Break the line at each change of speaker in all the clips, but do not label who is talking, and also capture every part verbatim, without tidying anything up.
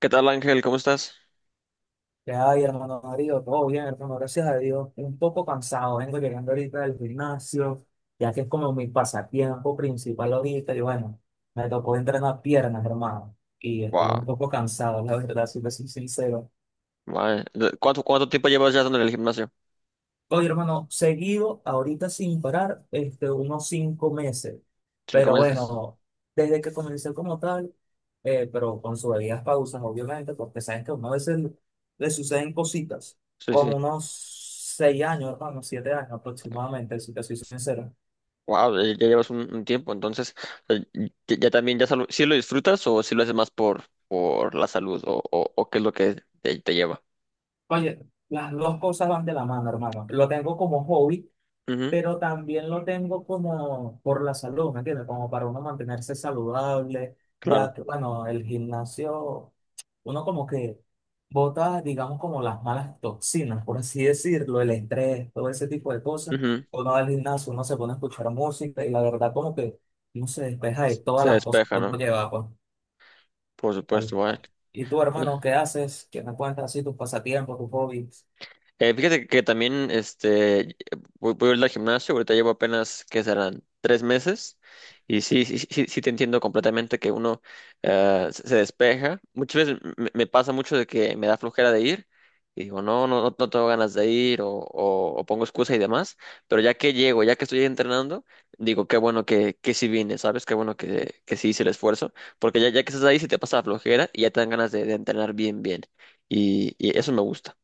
¿Qué tal, Ángel? ¿Cómo estás?
¿Qué hay, hermano Darío? Todo bien, hermano, gracias a Dios. Un poco cansado, vengo llegando ahorita del gimnasio, ya que es como mi pasatiempo principal ahorita. Y bueno, me tocó entrenar piernas, hermano, y estoy un
Wow,
poco cansado, la verdad, si te soy sincero.
¿Cuánto, cuánto tiempo llevas ya en el gimnasio?
Oye, hermano, seguido, ahorita sin parar, este, unos cinco meses.
¿Cinco
Pero
meses?
bueno, desde que comencé como tal, eh, pero con sus debidas pausas, obviamente, porque saben que a uno a veces le suceden cositas,
Sí, sí.
como unos seis años, hermano, siete años aproximadamente, si te soy sincero.
Wow, ya, ya llevas un, un tiempo, entonces, eh, ya, ya también, ya si ¿sí lo disfrutas o si lo haces más por, por la salud o, o, o qué es lo que te, te lleva?
Oye, las dos cosas van de la mano, hermano. Lo tengo como hobby,
Ujú,
pero también lo tengo como por la salud, ¿me entiendes? Como para uno mantenerse saludable,
claro.
ya que, bueno, el gimnasio, uno como que bota, digamos, como las malas toxinas, por así decirlo, el estrés, todo ese tipo de cosas.
Ujú.
Uno va al gimnasio, uno se pone a escuchar música y la verdad como que uno se despeja de todas
Se
las cosas
despeja,
que uno
¿no?
lleva, pues,
Por supuesto,
tal
vaya.
cual. ¿Y tú, hermano, qué haces? ¿Qué me cuentas así tus pasatiempos, tus hobbies?
Eh, fíjate que también este, voy, voy a ir al gimnasio, ahorita llevo apenas, ¿que serán? Tres meses. Y sí, sí, sí, sí te entiendo completamente que uno eh, se se despeja. Muchas veces me, me pasa mucho de que me da flojera de ir y digo, no, no, no, no tengo ganas de ir o, o- o pongo excusa y demás. Pero ya que llego, ya que estoy entrenando, digo, qué bueno que, que sí vine, ¿sabes? Qué bueno que, que sí hice el esfuerzo. Porque ya, ya que estás ahí, sí te pasa la flojera y ya te dan ganas de, de entrenar bien, bien. y y eso me gusta.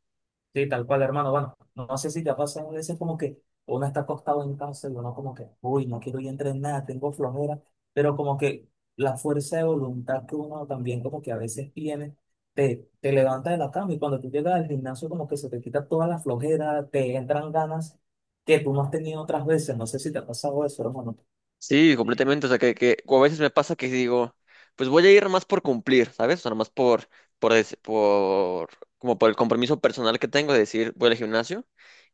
Sí, tal cual, hermano. Bueno, no sé si te ha pasado a veces como que uno está acostado en casa y uno como que, uy, no quiero ir a entrenar, tengo flojera, pero como que la fuerza de voluntad que uno también como que a veces tiene, te, te levanta de la cama y cuando tú llegas al gimnasio como que se te quita toda la flojera, te entran ganas que tú no has tenido otras veces. No sé si te ha pasado eso, hermano.
Sí, completamente. O sea, que, que o a veces me pasa que digo, pues voy a ir más por cumplir, ¿sabes? O sea, más por, por, des- por, como por el compromiso personal que tengo de decir, voy al gimnasio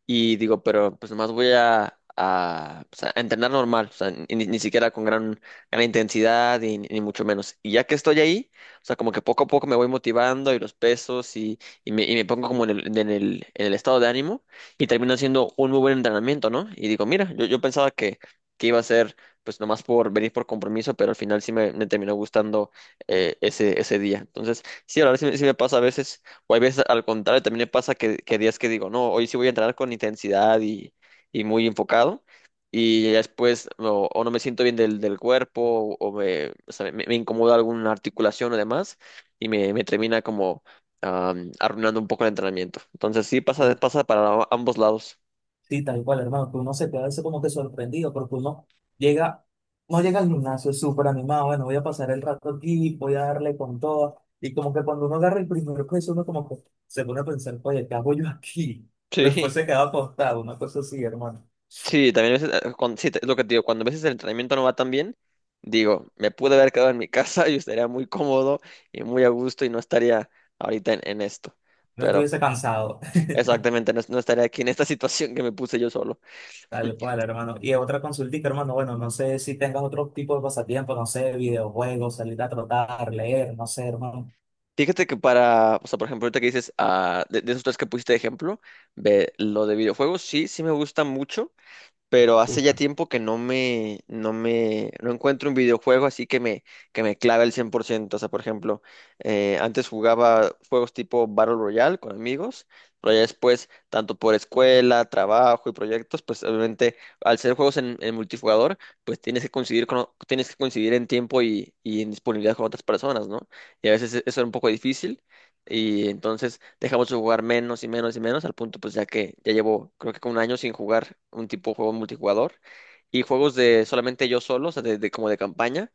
y digo, pero pues más voy a, a, pues, a entrenar normal, o sea, ni, ni siquiera con gran, gran intensidad y, ni mucho menos. Y ya que estoy ahí, o sea, como que poco a poco me voy motivando y los pesos y, y, me, y me pongo como en el, en el, en el estado de ánimo y termino haciendo un muy buen entrenamiento, ¿no? Y digo, mira, yo, yo pensaba que, que iba a ser pues nomás por venir por compromiso, pero al final sí me, me terminó gustando eh, ese, ese día. Entonces, sí, la verdad sí, me sí me pasa a veces, o hay veces al contrario, también me pasa que, que días que digo, no, hoy sí voy a entrenar con intensidad y, y muy enfocado, y ya después no- o no me siento bien del, del cuerpo, o, me, o sea, me, me incomoda alguna articulación o demás, y me, me termina como am, arruinando un poco el entrenamiento. Entonces, sí, pasa, pasa para ambos lados.
Sí, tal cual, hermano, que uno se queda a veces como que sorprendido, porque uno llega, no llega al gimnasio súper animado, bueno, voy a pasar el rato aquí, voy a darle con todo, y como que cuando uno agarra el primer peso, uno como que se pone a pensar, oye, ¿qué hago yo aquí? Pero después
Sí.
se queda acostado, una cosa así, hermano,
Sí, también a veces, eh, cuando, sí, te- es lo que te digo, cuando a veces el entrenamiento no va tan bien, digo, me pude haber quedado en mi casa y estaría muy cómodo y muy a gusto y no estaría ahorita en, en esto.
no
Pero
estuviese cansado,
exactamente, no, no estaría aquí en esta situación que me puse yo solo.
tal cual, hermano. Y otra consultita, hermano, bueno, no sé si tengas otro tipo de pasatiempo, no sé, videojuegos, salir a trotar, leer, no sé, hermano.
Fíjate que para, o sea, por ejemplo, ahorita que dices, ah, de, de esos tres que pusiste de ejemplo, ve, lo de videojuegos, sí, sí me gusta mucho. Pero hace ya tiempo que no me, no me, no encuentro un videojuego así que me, que me clave el cien por ciento. O sea, por ejemplo, eh, antes jugaba juegos tipo Battle Royale con amigos, pero ya después, tanto por escuela, trabajo y proyectos, pues obviamente al ser juegos en, en multijugador, pues tienes que coincidir con, o- tienes que coincidir en tiempo y, y en disponibilidad con otras personas, ¿no? Y a veces e- eso era un poco difícil, y entonces dejamos de jugar menos y menos y menos, al punto pues ya que ya llevo creo que como un año sin jugar un tipo de juego multijugador. Y juegos de solamente yo solo, o sea, de, de- como de campaña.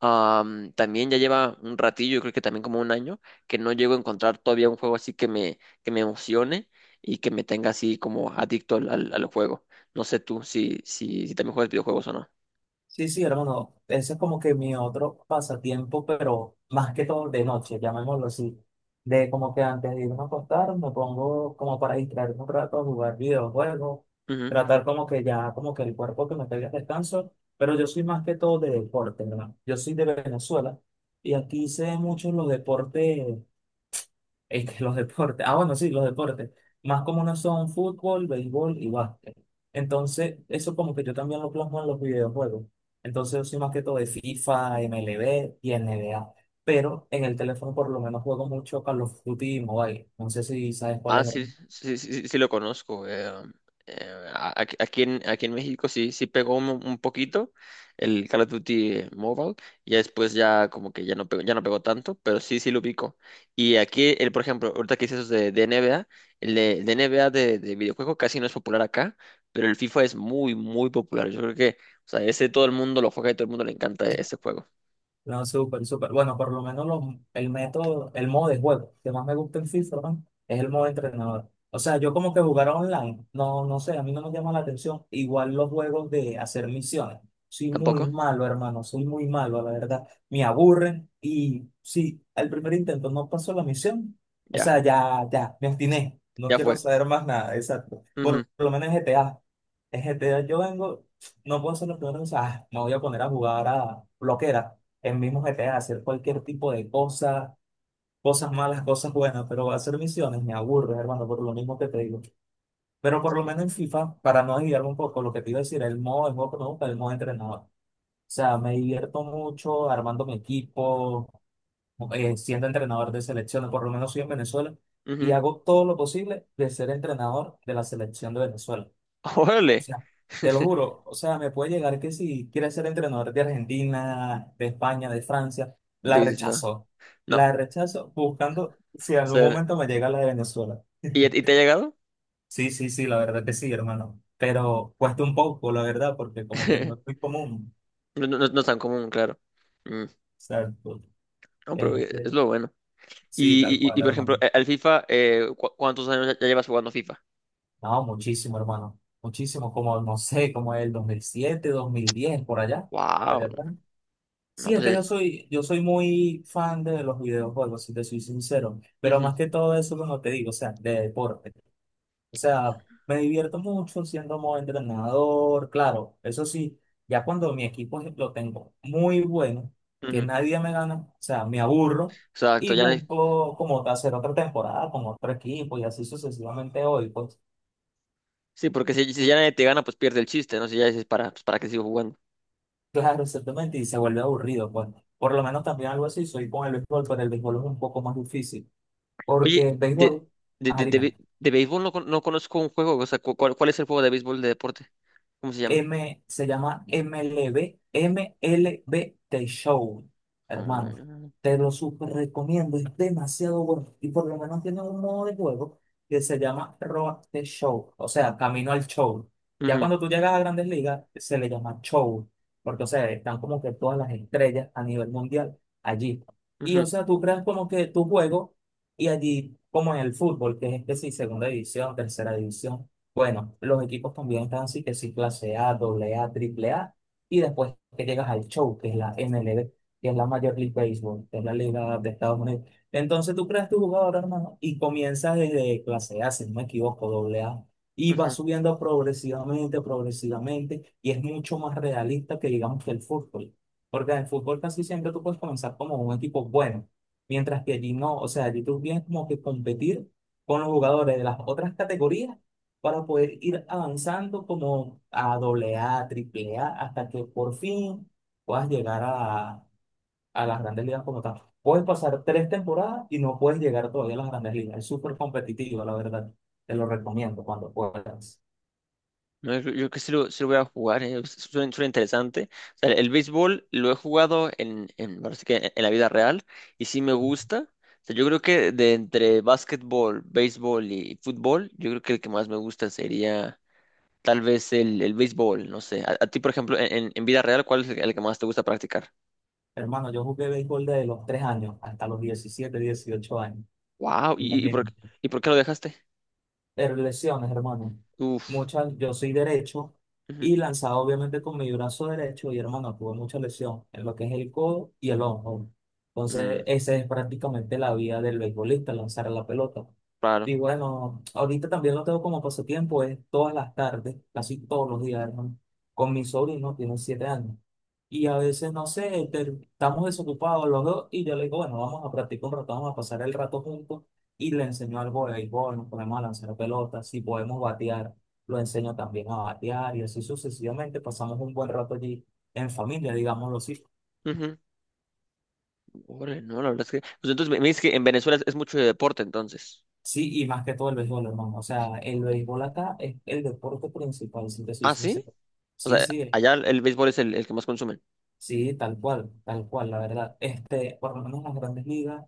Am, también ya lleva un ratillo, yo creo que también como un año, que no llego a encontrar todavía un juego así que me, que me emocione y que me tenga así como adicto al, al- al juego. No sé tú si, si, si también juegas videojuegos o no.
Sí, sí, hermano, ese es como que mi otro pasatiempo, pero más que todo de noche, llamémoslo así. De como que antes de irme a acostar, me pongo como para distraerme un rato a jugar videojuegos, tratar como que ya, como que el cuerpo que me pegue descanso, pero yo soy más que todo de deporte, hermano. Yo soy de Venezuela y aquí hice muchos los deportes este, los deportes. Ah, bueno, sí, los deportes. Más comunes son fútbol, béisbol y básquet. Entonces, eso como que yo también lo plasmo en los videojuegos. Entonces, yo soy más que todo de FIFA, m l b y n B a. Pero en el teléfono por lo menos juego mucho Call of Duty y Mobile. No sé si sabes cuál
Ah,
es.
sí, sí, sí, sí, sí lo conozco. eh, eh, a- aquí, aquí en, aquí en México sí, sí pegó un, un poquito el Call of Duty Mobile. Ya después ya como que ya no pegó, ya no pegó tanto, pero sí, sí lo ubico. Y aquí, el, por ejemplo, ahorita que dices eso de, de N B A, el de, de N B A de, de videojuego casi no es popular acá, pero el FIFA es muy, muy popular. Yo creo que, o sea, ese todo el mundo lo juega y todo el mundo le encanta ese juego.
No, súper, súper. Bueno, por lo menos los- el método, el modo de juego que más me gusta en FIFA, ¿no?, es el modo de entrenador. O sea, yo como que jugar online, no, no sé, a mí no me llama la atención. Igual los juegos de hacer misiones. Soy muy
¿Tampoco?
malo, hermano, soy muy malo, la verdad. Me aburren y si al primer intento no pasó la misión, o
Ya,
sea, ya, ya, me obstiné. No
ya
quiero
fue.
saber más nada, exacto.
Ujú,
Por lo menos en G T A. En G T A yo vengo, no puedo hacer los primeros, o sea, me voy a poner a jugar a bloquera el mismo G T A, hacer cualquier tipo de cosa, cosas malas, cosas buenas, pero hacer misiones me aburre, hermano, por lo mismo que te digo. Pero por lo menos en FIFA, para no desviarme un poco, lo que te iba a decir, el modo el modo que me gusta, el modo entrenador. O sea, me divierto mucho armando mi equipo, eh, siendo entrenador de selecciones, por lo menos soy en Venezuela, y
ujú.
hago todo lo posible de ser entrenador de la selección de Venezuela. O
Órale.
sea, te lo juro, o sea, me puede llegar que si quiere ser entrenador de Argentina, de España, de Francia, la
Dices, no,
rechazo.
no.
La rechazo buscando si en algún momento me llega la de Venezuela.
¿Y, a- y te ha llegado?
Sí, sí, sí, la verdad que sí, hermano. Pero cuesta un poco, la verdad, porque como que no es muy común.
No, no, no es tan común, claro. Mm,
Exacto.
no, pero eh, es
Este,
lo bueno.
sí, tal
Y, y, y,
cual,
por ejemplo,
hermano.
eh, al FIFA, eh, ¿cu- ¿cuántos años ya ya llevas jugando FIFA?
No, muchísimo, hermano. Muchísimo, como, no sé, como el dos mil siete, dos mil diez, por allá. Por
Wow,
allá atrás.
no,
Sí, es
pues...
que
eh,
yo soy, yo soy muy fan de los videojuegos, si te soy sincero, pero
ujú,
más que todo eso, como te digo, o sea, de deporte. O sea, me divierto mucho siendo modo entrenador, claro, eso sí, ya cuando mi equipo es- lo tengo muy bueno, que
ujú.
nadie me gana, o sea, me aburro
Exacto,
y
ya... nadie-
busco como hacer otra temporada con otro equipo y así sucesivamente hoy, pues,
Sí, porque si, si ya nadie te gana, pues pierde el chiste, ¿no? Si ya dices, para, pues, ¿para qué sigo jugando?
claro, exactamente, y se vuelve aburrido, pues. Por lo menos también algo así, soy con el béisbol, pero el béisbol es un poco más difícil. Porque
Oye,
el
de,
béisbol,
de,
ajá,
de, de,
dime,
be- de béisbol no, con- no conozco un juego, o sea, cu- ¿cuál, ¿cuál es el juego de béisbol de deporte? ¿Cómo se llama?
M, se llama M L B, M L B Show,
Ah,
hermano. Te lo súper recomiendo, es demasiado bueno. Y por lo menos tiene un modo de juego que se llama Road to Show, o sea, camino al show. Ya
ujú,
cuando tú llegas a Grandes Ligas, se le llama show, porque, o sea, están como que todas las estrellas a nivel mundial allí. Y,
ujú,
o sea, tú creas como que tu juego y allí, como en el fútbol, que es este sí, segunda división, tercera división. Bueno, los equipos también están así, que sí, clase A, doble A, triple A, y después que llegas al show, que es la M L B, que es la Major League Baseball, que es la liga de Estados Unidos. Entonces tú creas tu jugador, hermano, y comienzas desde clase A, si no me equivoco, doble A, y vas
ujú.
subiendo progresivamente, progresivamente, y es mucho más realista que digamos que el fútbol, porque en el fútbol casi siempre tú puedes comenzar como un equipo bueno, mientras que allí no, o sea, allí tú vienes como que competir con los jugadores de las otras categorías para poder ir avanzando como a doble A, triple A, hasta que por fin puedas llegar a, a, las grandes ligas como tal. Puedes pasar tres temporadas y no puedes llegar todavía a las grandes ligas. Es súper competitivo, la verdad. Te lo recomiendo cuando puedas.
No, yo yo creo que sí lo, sí lo voy a jugar, eh, suena, suena interesante. O sea, el béisbol lo he jugado en, en, ahora sí que en en la vida real y sí me gusta. O sea, yo creo que de entre básquetbol, béisbol y fútbol, yo creo que el que más me gusta sería tal vez el, el béisbol, no sé. A, a ti, por ejemplo, en, en en vida real, ¿cuál es el, el que más te gusta practicar?
Hermano, yo jugué béisbol desde los tres años hasta los diecisiete, dieciocho años.
Wow, ¿y, y por,
Imagínate.
¿y por qué lo dejaste?
Eh, lesiones, hermano.
Uf,
Muchas, yo soy derecho
ujú,
y lanzado obviamente con mi brazo derecho y, hermano, tuve mucha lesión en lo que es el codo y el hombro. Entonces,
mm,
esa es prácticamente la vida del beisbolista, lanzar la pelota.
claro.
Y bueno, ahorita también lo tengo como pasatiempo, es todas las tardes, casi todos los días, hermano, con mi sobrino, tiene siete años. Y a veces, no sé, te- estamos desocupados los dos y yo le digo, bueno, vamos a practicar un rato, vamos a pasar el rato juntos y le enseño algo de béisbol, nos ponemos a lanzar pelotas, si podemos batear, lo enseño también a batear y así sucesivamente pasamos un buen rato allí en familia, digámoslo así.
Ujú, órale, no, la verdad es que... Pues entonces me, me dices que en Venezuela es es mucho de deporte, entonces.
Sí, y más que todo el béisbol, hermano. O sea, el béisbol acá es el deporte principal, si te soy
¿Ah, sí?
sincero.
O
Sí,
sea,
sí,
allá el béisbol es el, el que más consumen.
sí, tal cual, tal cual, la verdad. Este, por lo menos en las grandes ligas.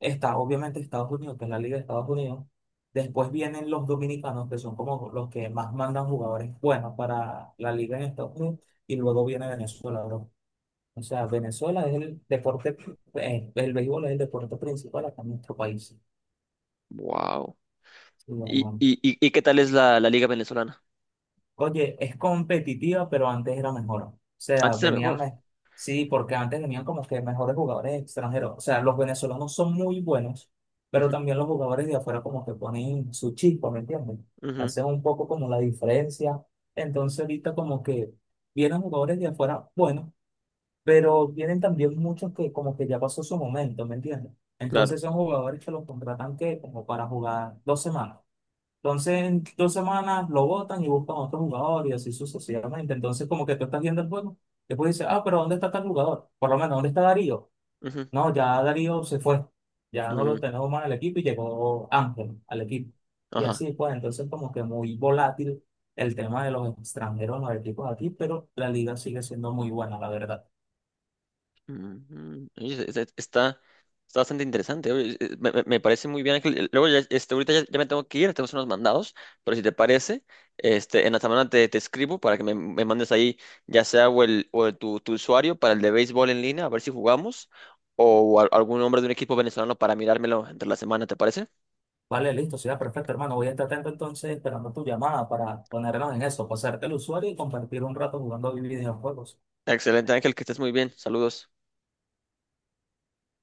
Está obviamente Estados Unidos, que es la Liga de Estados Unidos. Después vienen los dominicanos, que son como los que más mandan jugadores buenos para la Liga en Estados Unidos. Y luego viene Venezuela, bro. O sea, Venezuela es el deporte, eh, el béisbol es el deporte principal acá en nuestro país.
Wow.
Sí,
¿Y,
hermano.
y, y, y qué tal es la, la liga venezolana?
Oye, es competitiva, pero antes era mejor. O sea,
Antes era
venían,
mejor.
me- sí, porque antes venían como que mejores jugadores extranjeros. O sea, los venezolanos son muy buenos, pero
Ujú,
también los jugadores de afuera como que ponen su chispa, ¿me entiendes?
ujú,
Hacen un poco como la diferencia. Entonces ahorita como que vienen jugadores de afuera buenos, pero vienen también muchos que como que ya pasó su momento, ¿me entiendes?
claro.
Entonces son jugadores que los contratan que como para jugar dos semanas. Entonces, en dos semanas lo botan y buscan otro jugador y así sucesivamente. Entonces, como que tú estás viendo el juego, después dices, ah, pero ¿dónde está tal jugador? Por lo menos, ¿dónde está Darío?
Ujú,
No, ya Darío se fue. Ya no
mm,
lo tenemos más en el equipo y llegó Ángel al equipo. Y
ajá.
así pues, entonces como que muy volátil el tema de los extranjeros en los equipos aquí, pero la liga sigue siendo muy buena, la verdad.
Ujú. Oye, es- es- está, está bastante interesante. Oye, eh, Me, me- me parece muy bien, Ángel. Eh, Luego, ya, este, ahorita ya, ya me tengo que ir, tenemos unos mandados, pero si te parece, este, en la semana te, te escribo para que me, me mandes ahí, ya sea o el, o el- tu, tu usuario para el de béisbol en línea, a ver si jugamos, o, a- algún nombre de un equipo venezolano para mirármelo entre la semana, ¿te parece?
Vale, listo, será perfecto, hermano. Voy a estar atento entonces esperando tu llamada para ponernos en eso, pasarte el usuario y compartir un rato jugando videojuegos.
Excelente, Ángel, que estés muy bien. Saludos.